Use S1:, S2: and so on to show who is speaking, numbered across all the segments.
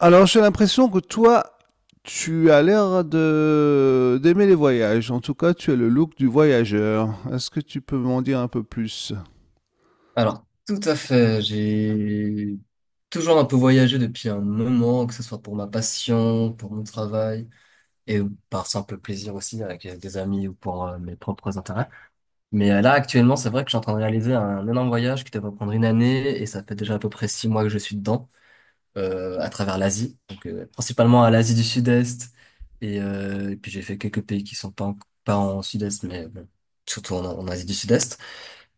S1: Alors j'ai l'impression que toi, tu as l'air de d'aimer les voyages. En tout cas, tu as le look du voyageur. Est-ce que tu peux m'en dire un peu plus?
S2: Alors, tout à fait. J'ai toujours un peu voyagé depuis un moment, que ce soit pour ma passion, pour mon travail, et par simple plaisir aussi avec des amis ou pour mes propres intérêts. Mais là, actuellement, c'est vrai que je suis en train de réaliser un énorme voyage qui devrait prendre une année, et ça fait déjà à peu près 6 mois que je suis dedans, à travers l'Asie, donc principalement à l'Asie du Sud-Est, et puis j'ai fait quelques pays qui sont pas en, pas en Sud-Est, mais bon, surtout en Asie du Sud-Est.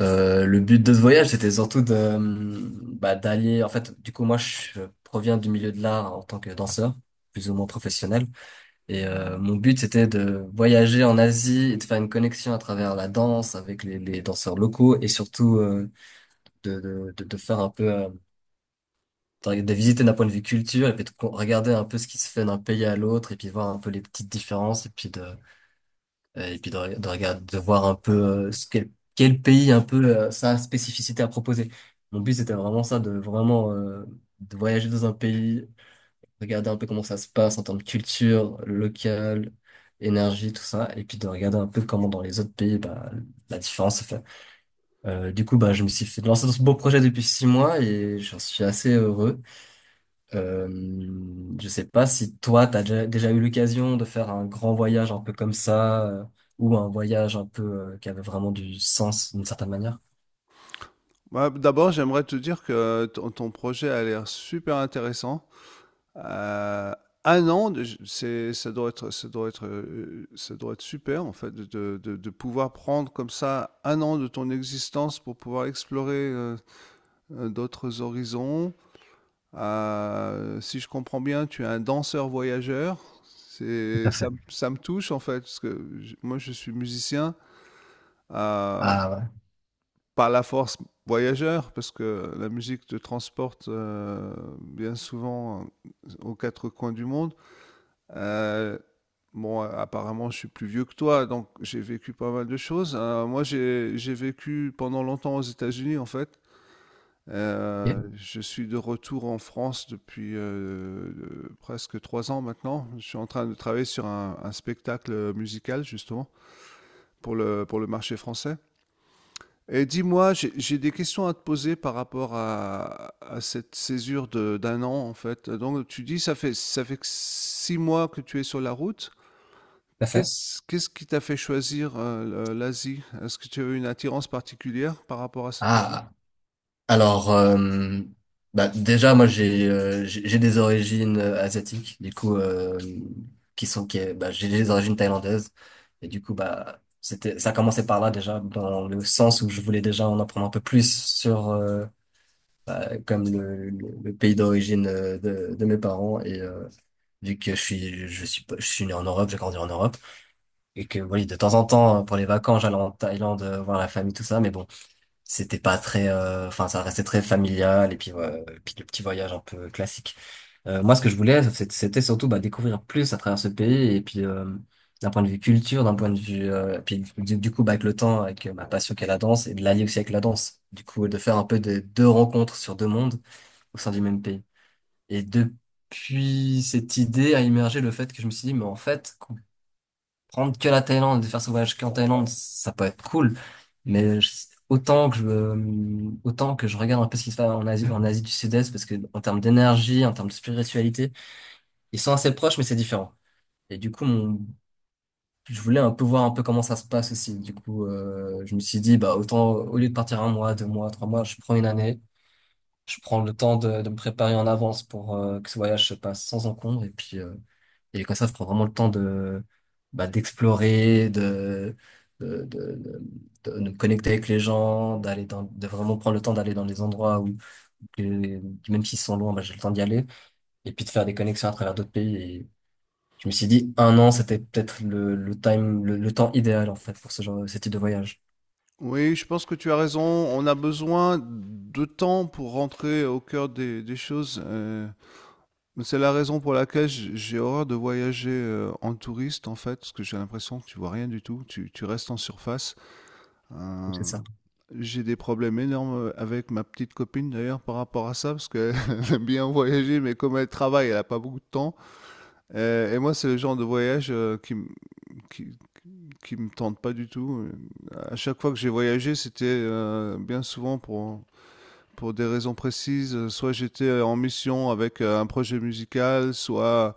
S2: Le but de ce voyage, c'était surtout bah, d'aller. En fait, du coup, moi, je proviens du milieu de l'art en tant que danseur, plus ou moins professionnel. Et mon but, c'était de voyager en Asie et de faire une connexion à travers la danse avec les danseurs locaux, et surtout de faire un peu, de visiter d'un point de vue culture, et puis de regarder un peu ce qui se fait d'un pays à l'autre, et puis voir un peu les petites différences, et puis de de voir un peu, quel pays, un peu sa spécificité à proposer. Mon but, c'était vraiment ça, de vraiment, de voyager dans un pays, regarder un peu comment ça se passe en termes de culture locale, énergie, tout ça, et puis de regarder un peu comment dans les autres pays, bah, la différence se fait. Du coup, bah, je me suis fait lancer dans ce beau projet depuis 6 mois, et j'en suis assez heureux. Euh, je sais pas si toi, t'as déjà eu l'occasion de faire un grand voyage un peu comme ça, ou un voyage un peu, qui avait vraiment du sens d'une certaine manière.
S1: Bah, d'abord, j'aimerais te dire que ton projet a l'air super intéressant. Euh, un an, ça doit être, ça doit être, ça doit être super en fait de, de pouvoir prendre comme ça un an de ton existence pour pouvoir explorer d'autres horizons. Si je comprends bien, tu es un danseur voyageur.
S2: Tout à fait.
S1: Ça me touche en fait, parce que moi je suis musicien euh,
S2: Ah,
S1: par la force voyageur, parce que la musique te transporte bien souvent aux quatre coins du monde. Euh, Apparemment, je suis plus vieux que toi, donc j'ai vécu pas mal de choses. Moi, j'ai vécu pendant longtemps aux États-Unis, en fait.
S2: ouais. Ok.
S1: Je suis de retour en France depuis presque trois ans maintenant. Je suis en train de travailler sur un spectacle musical justement pour pour le marché français. Et dis-moi, j'ai des questions à te poser par rapport à cette césure d'un an en fait. Donc tu dis ça fait que six mois que tu es sur la route.
S2: T'as fait?
S1: Qu'est-ce qui t'a fait choisir l'Asie? Est-ce que tu as eu une attirance particulière par rapport à cette région?
S2: Ah. Alors, bah, déjà, moi, j'ai des origines asiatiques, du coup, qui sont, qui, est- bah, j'ai des origines thaïlandaises. Et du coup, bah, c'était, ça commençait par là déjà, dans le sens où je voulais déjà en apprendre un peu plus sur comme le pays d'origine, de mes parents. Et vu que je suis, pas- je suis né en Europe, j'ai grandi en Europe, et que oui, de temps en temps, pour les vacances, j'allais en Thaïlande voir la famille, tout ça. Mais bon, c'était pas très, enfin, ça restait très familial, et puis, ouais, et puis le petit voyage un peu classique. Moi, ce que je voulais, c'était surtout, bah, découvrir plus à travers ce pays, et puis d'un point de vue culture, d'un point de vue, puis du coup, bah, avec le temps, avec ma passion qui est la danse, et de l'allier aussi avec la danse, du coup, de faire un peu de deux rencontres sur deux mondes, au sein du même pays. Et depuis, cette idée a émergé, le fait que je me suis dit, mais en fait, prendre que la Thaïlande et de faire ce voyage qu'en Thaïlande, ça peut être cool. Mais autant que je regarde un peu ce qui se passe en Asie du Sud-Est, parce que en termes d'énergie, en termes de spiritualité, ils sont assez proches, mais c'est différent. Et du coup, je voulais un peu voir un peu comment ça se passe aussi. Du coup, je me suis dit, bah, autant, au lieu de partir 1 mois, 2 mois, 3 mois, je prends une année. Je prends le temps de me préparer en avance pour que ce voyage se passe sans encombre. Et puis, et comme ça, je prends vraiment le temps de, bah, d'explorer, de, de, de, de me connecter avec les gens, d'aller dans, de vraiment prendre le temps d'aller dans des endroits où, que- même s'ils sont loin, bah, j'ai le temps d'y aller. Et puis de faire des connexions à travers d'autres pays. Et je me suis dit, un an, c'était peut-être le temps idéal, en fait, pour ce genre, ce type de voyage.
S1: Oui, je pense que tu as raison. On a besoin de temps pour rentrer au cœur des choses. C'est la raison pour laquelle j'ai horreur de voyager en touriste, en fait, parce que j'ai l'impression que tu vois rien du tout. Tu restes en surface.
S2: Donc,
S1: Euh,
S2: c'est ça.
S1: j'ai des problèmes énormes avec ma petite copine, d'ailleurs, par rapport à ça, parce qu'elle aime bien voyager, mais comme elle travaille, elle n'a pas beaucoup de temps. Et moi, c'est le genre de voyage qui- qui me tentent pas du tout. À chaque fois que j'ai voyagé, c'était bien souvent pour des raisons précises. Soit j'étais en mission avec un projet musical, soit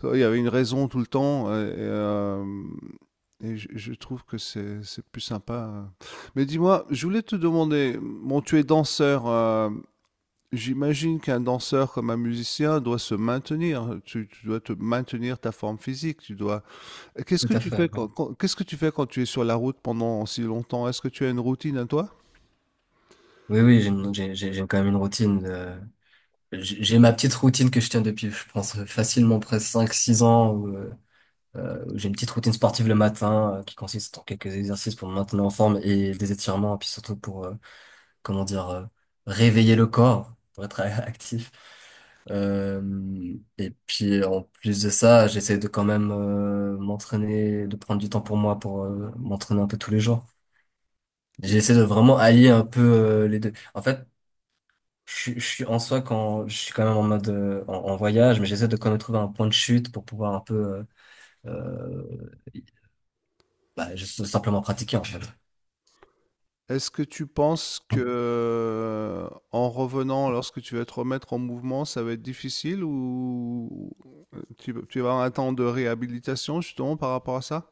S1: soit il y avait une raison tout le temps. Et je trouve que c'est plus sympa. Mais dis-moi, je voulais te demander, bon, tu es danseur. J'imagine qu'un danseur comme un musicien doit se maintenir. Tu dois te maintenir ta forme physique. Tu dois… Qu'est-ce
S2: Tout
S1: que
S2: à
S1: tu
S2: fait,
S1: fais
S2: ouais.
S1: quand, qu'est-ce que tu fais quand tu es sur la route pendant si longtemps? Est-ce que tu as une routine à toi?
S2: Oui, oui, j'ai quand même une routine. J'ai ma petite routine que je tiens depuis, je pense, facilement presque 5 6 ans. Où j'ai une petite routine sportive le matin, qui consiste en quelques exercices pour me maintenir en forme et des étirements, et puis surtout pour, comment dire, réveiller le corps, pour être actif. Et puis en plus de ça, j'essaie de quand même, m'entraîner, de prendre du temps pour moi pour m'entraîner un peu tous les jours. J'essaie de vraiment allier un peu, les deux. En fait, je suis en soi quand je suis quand même en mode, en voyage, mais j'essaie de quand même trouver un point de chute pour pouvoir un peu, euh, bah, juste simplement pratiquer en fait.
S1: Est-ce que tu penses que en revenant, lorsque tu vas te remettre en mouvement, ça va être difficile ou tu vas avoir un temps de réhabilitation justement par rapport à ça?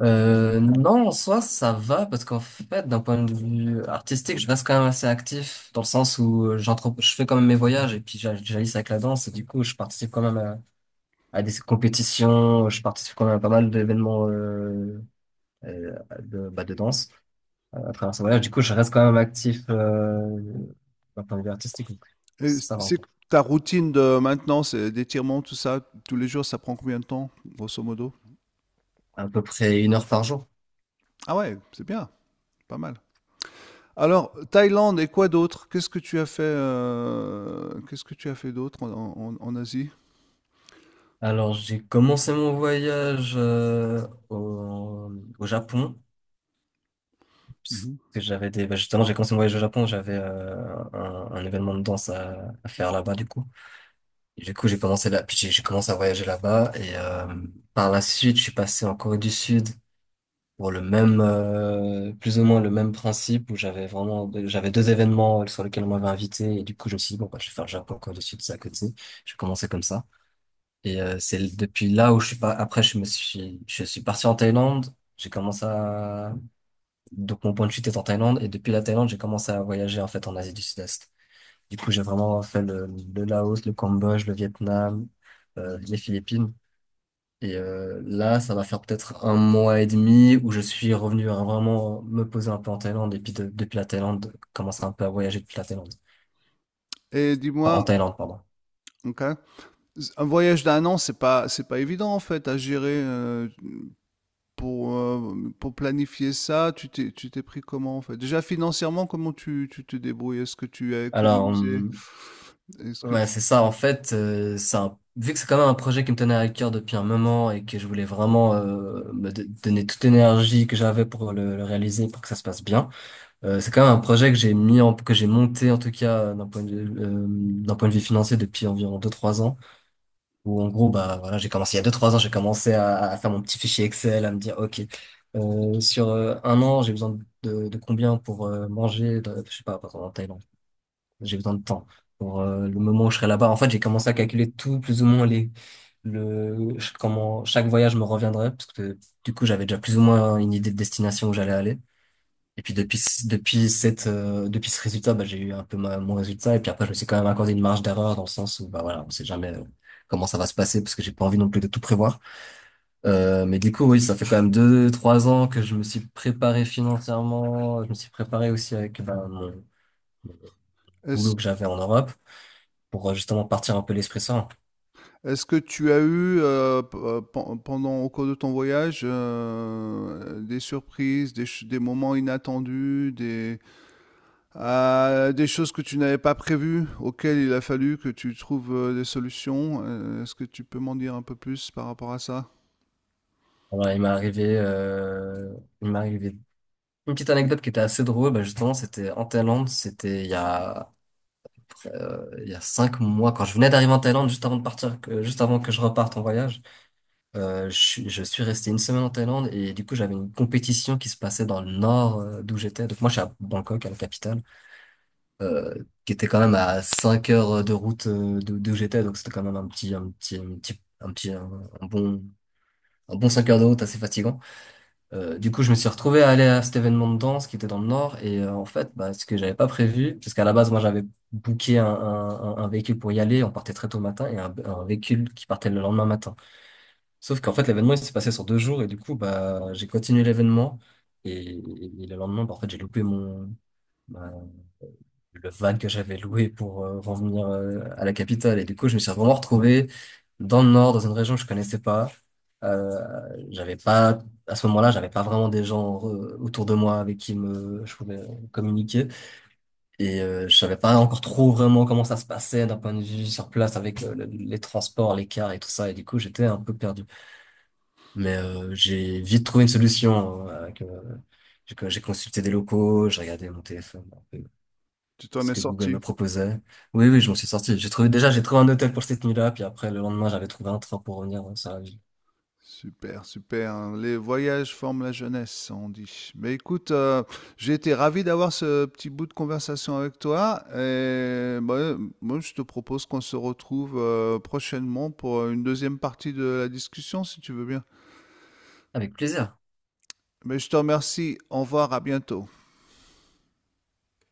S2: Non, en soi ça va, parce qu'en fait d'un point de vue artistique, je reste quand même assez actif, dans le sens où j'entre, je fais quand même mes voyages et puis j'alise avec la danse, et du coup je participe quand même à des compétitions, je participe quand même à pas mal d'événements, de danse, à travers ce voyage. Du coup, je reste quand même actif, d'un point de vue artistique. Donc
S1: Et
S2: ça va
S1: c'est
S2: encore.
S1: ta routine de maintenant, c'est d'étirement, tout ça, tous les jours, ça prend combien de temps, grosso modo?
S2: À peu près une heure par jour.
S1: Ah ouais, c'est bien, pas mal. Alors, Thaïlande et quoi d'autre? Qu'est-ce que tu as fait, qu'est-ce que tu as fait d'autre en, en Asie?
S2: Alors, j'ai commencé mon voyage, au Japon. Parce
S1: Mhm.
S2: que j'avais des... bah, justement, j'ai commencé mon voyage au Japon. J'avais un événement de danse à faire là-bas, du coup. Et du coup, j'ai commencé là... Puis j'ai commencé à voyager là-bas. Et par la suite, je suis passé en Corée du Sud, pour le même, plus ou moins le même principe, où j'avais vraiment, j'avais deux événements, sur lesquels on m'avait invité. Et du coup je me suis dit, bon bah je vais faire le Japon quand je suis à côté. J'ai commencé comme ça, et c'est depuis là où je suis pas. Après je suis parti en Thaïlande. J'ai commencé à Donc mon point de chute est en Thaïlande, et depuis la Thaïlande j'ai commencé à voyager en fait en Asie du Sud-Est. Du coup j'ai vraiment fait le Laos, le Cambodge, le Vietnam, les Philippines. Et là, ça va faire peut-être un mois et demi où je suis revenu à vraiment me poser un peu en Thaïlande. Et puis depuis la Thaïlande, commencer un peu à voyager depuis la Thaïlande.
S1: Et
S2: Enfin, en
S1: dis-moi,
S2: Thaïlande, pardon.
S1: ok, un voyage d'un an, c'est pas évident en fait à gérer pour planifier ça. Tu t'es pris comment en fait? Déjà financièrement, comment tu te débrouilles? Est-ce que tu as
S2: Alors,
S1: économisé? Est-ce que
S2: ouais,
S1: tu,
S2: c'est ça. En fait, vu que c'est quand même un projet qui me tenait à cœur depuis un moment, et que je voulais vraiment, donner toute l'énergie que j'avais pour le réaliser, pour que ça se passe bien. C'est quand même un projet que j'ai mis en, que j'ai monté en tout cas, d'un point de vue financier, depuis environ 2-3 ans. Où en gros, bah voilà, j'ai commencé il y a 2 3 ans, j'ai commencé à faire mon petit fichier Excel, à me dire, OK, sur un an, j'ai besoin de combien pour manger, je sais pas, par exemple, en Thaïlande. J'ai besoin de temps pour le moment où je serai là-bas. En fait, j'ai commencé à calculer tout, plus ou moins comment chaque voyage me reviendrait, parce que du coup, j'avais déjà plus ou moins une idée de destination où j'allais aller. Et puis depuis, depuis ce résultat, bah, j'ai eu un peu mon résultat. Et puis après, je me suis quand même accordé une marge d'erreur, dans le sens où, bah voilà, on sait jamais, comment ça va se passer, parce que j'ai pas envie non plus de tout prévoir. Mais du coup, oui, ça fait quand même 2, 3 ans que je me suis préparé financièrement. Je me suis préparé aussi avec, bah, mon
S1: est-ce,
S2: boulot que j'avais en Europe, pour justement partir un peu l'esprit sain.
S1: est-ce que tu as eu pendant au cours de ton voyage des surprises, des moments inattendus, des… Des choses que tu n'avais pas prévues, auxquelles il a fallu que tu trouves des solutions. Est-ce que tu peux m'en dire un peu plus par rapport à ça?
S2: Alors, il m'est arrivé une petite anecdote qui était assez drôle. Bah, justement, c'était en Thaïlande. C'était il y a 5 mois, quand je venais d'arriver en Thaïlande, juste avant de partir, juste avant que je reparte en voyage. Je suis resté une semaine en Thaïlande, et du coup j'avais une compétition qui se passait dans le nord, d'où j'étais. Donc moi je suis à Bangkok, à la capitale, euh, qui était quand même à 5 heures de route, d'où j'étais. Donc c'était quand même un bon, un bon 5 heures de route, assez fatigant. Du coup, je me suis retrouvé à aller à cet événement de danse qui était dans le Nord. Et en fait, bah, ce que j'avais pas prévu, parce qu'à la base, moi, j'avais booké un un véhicule pour y aller. On partait très tôt le matin, et un véhicule qui partait le lendemain matin. Sauf qu'en fait, l'événement, il s'est passé sur 2 jours. Et du coup, bah, j'ai continué l'événement. Et, et le lendemain, bah, en fait, j'ai loupé mon, le van que j'avais loué pour revenir, à la capitale. Et du coup, je me suis vraiment retrouvé dans le nord, dans une région que je connaissais pas. Euh, J'avais pas, à ce moment-là, j'avais pas vraiment des gens, autour de moi, avec qui je pouvais communiquer. Et je savais pas encore trop vraiment comment ça se passait d'un point de vue sur place avec les transports, les cars et tout ça. Et du coup, j'étais un peu perdu. Mais j'ai vite trouvé une solution, j'ai consulté des locaux, j'ai regardé mon téléphone,
S1: Tu t'en
S2: ce
S1: es
S2: que Google me
S1: sorti.
S2: proposait. Oui, oui, je m'en suis sorti. J'ai trouvé, déjà, j'ai trouvé un hôtel pour cette nuit-là, puis après, le lendemain, j'avais trouvé un train pour revenir. Ouais, ça, j-.
S1: Super, super. Les voyages forment la jeunesse, on dit. Mais écoute, j'ai été ravi d'avoir ce petit bout de conversation avec toi. Et bah, moi, je te propose qu'on se retrouve prochainement pour une deuxième partie de la discussion, si tu veux bien.
S2: Avec plaisir.
S1: Mais je te remercie. Au revoir, à bientôt.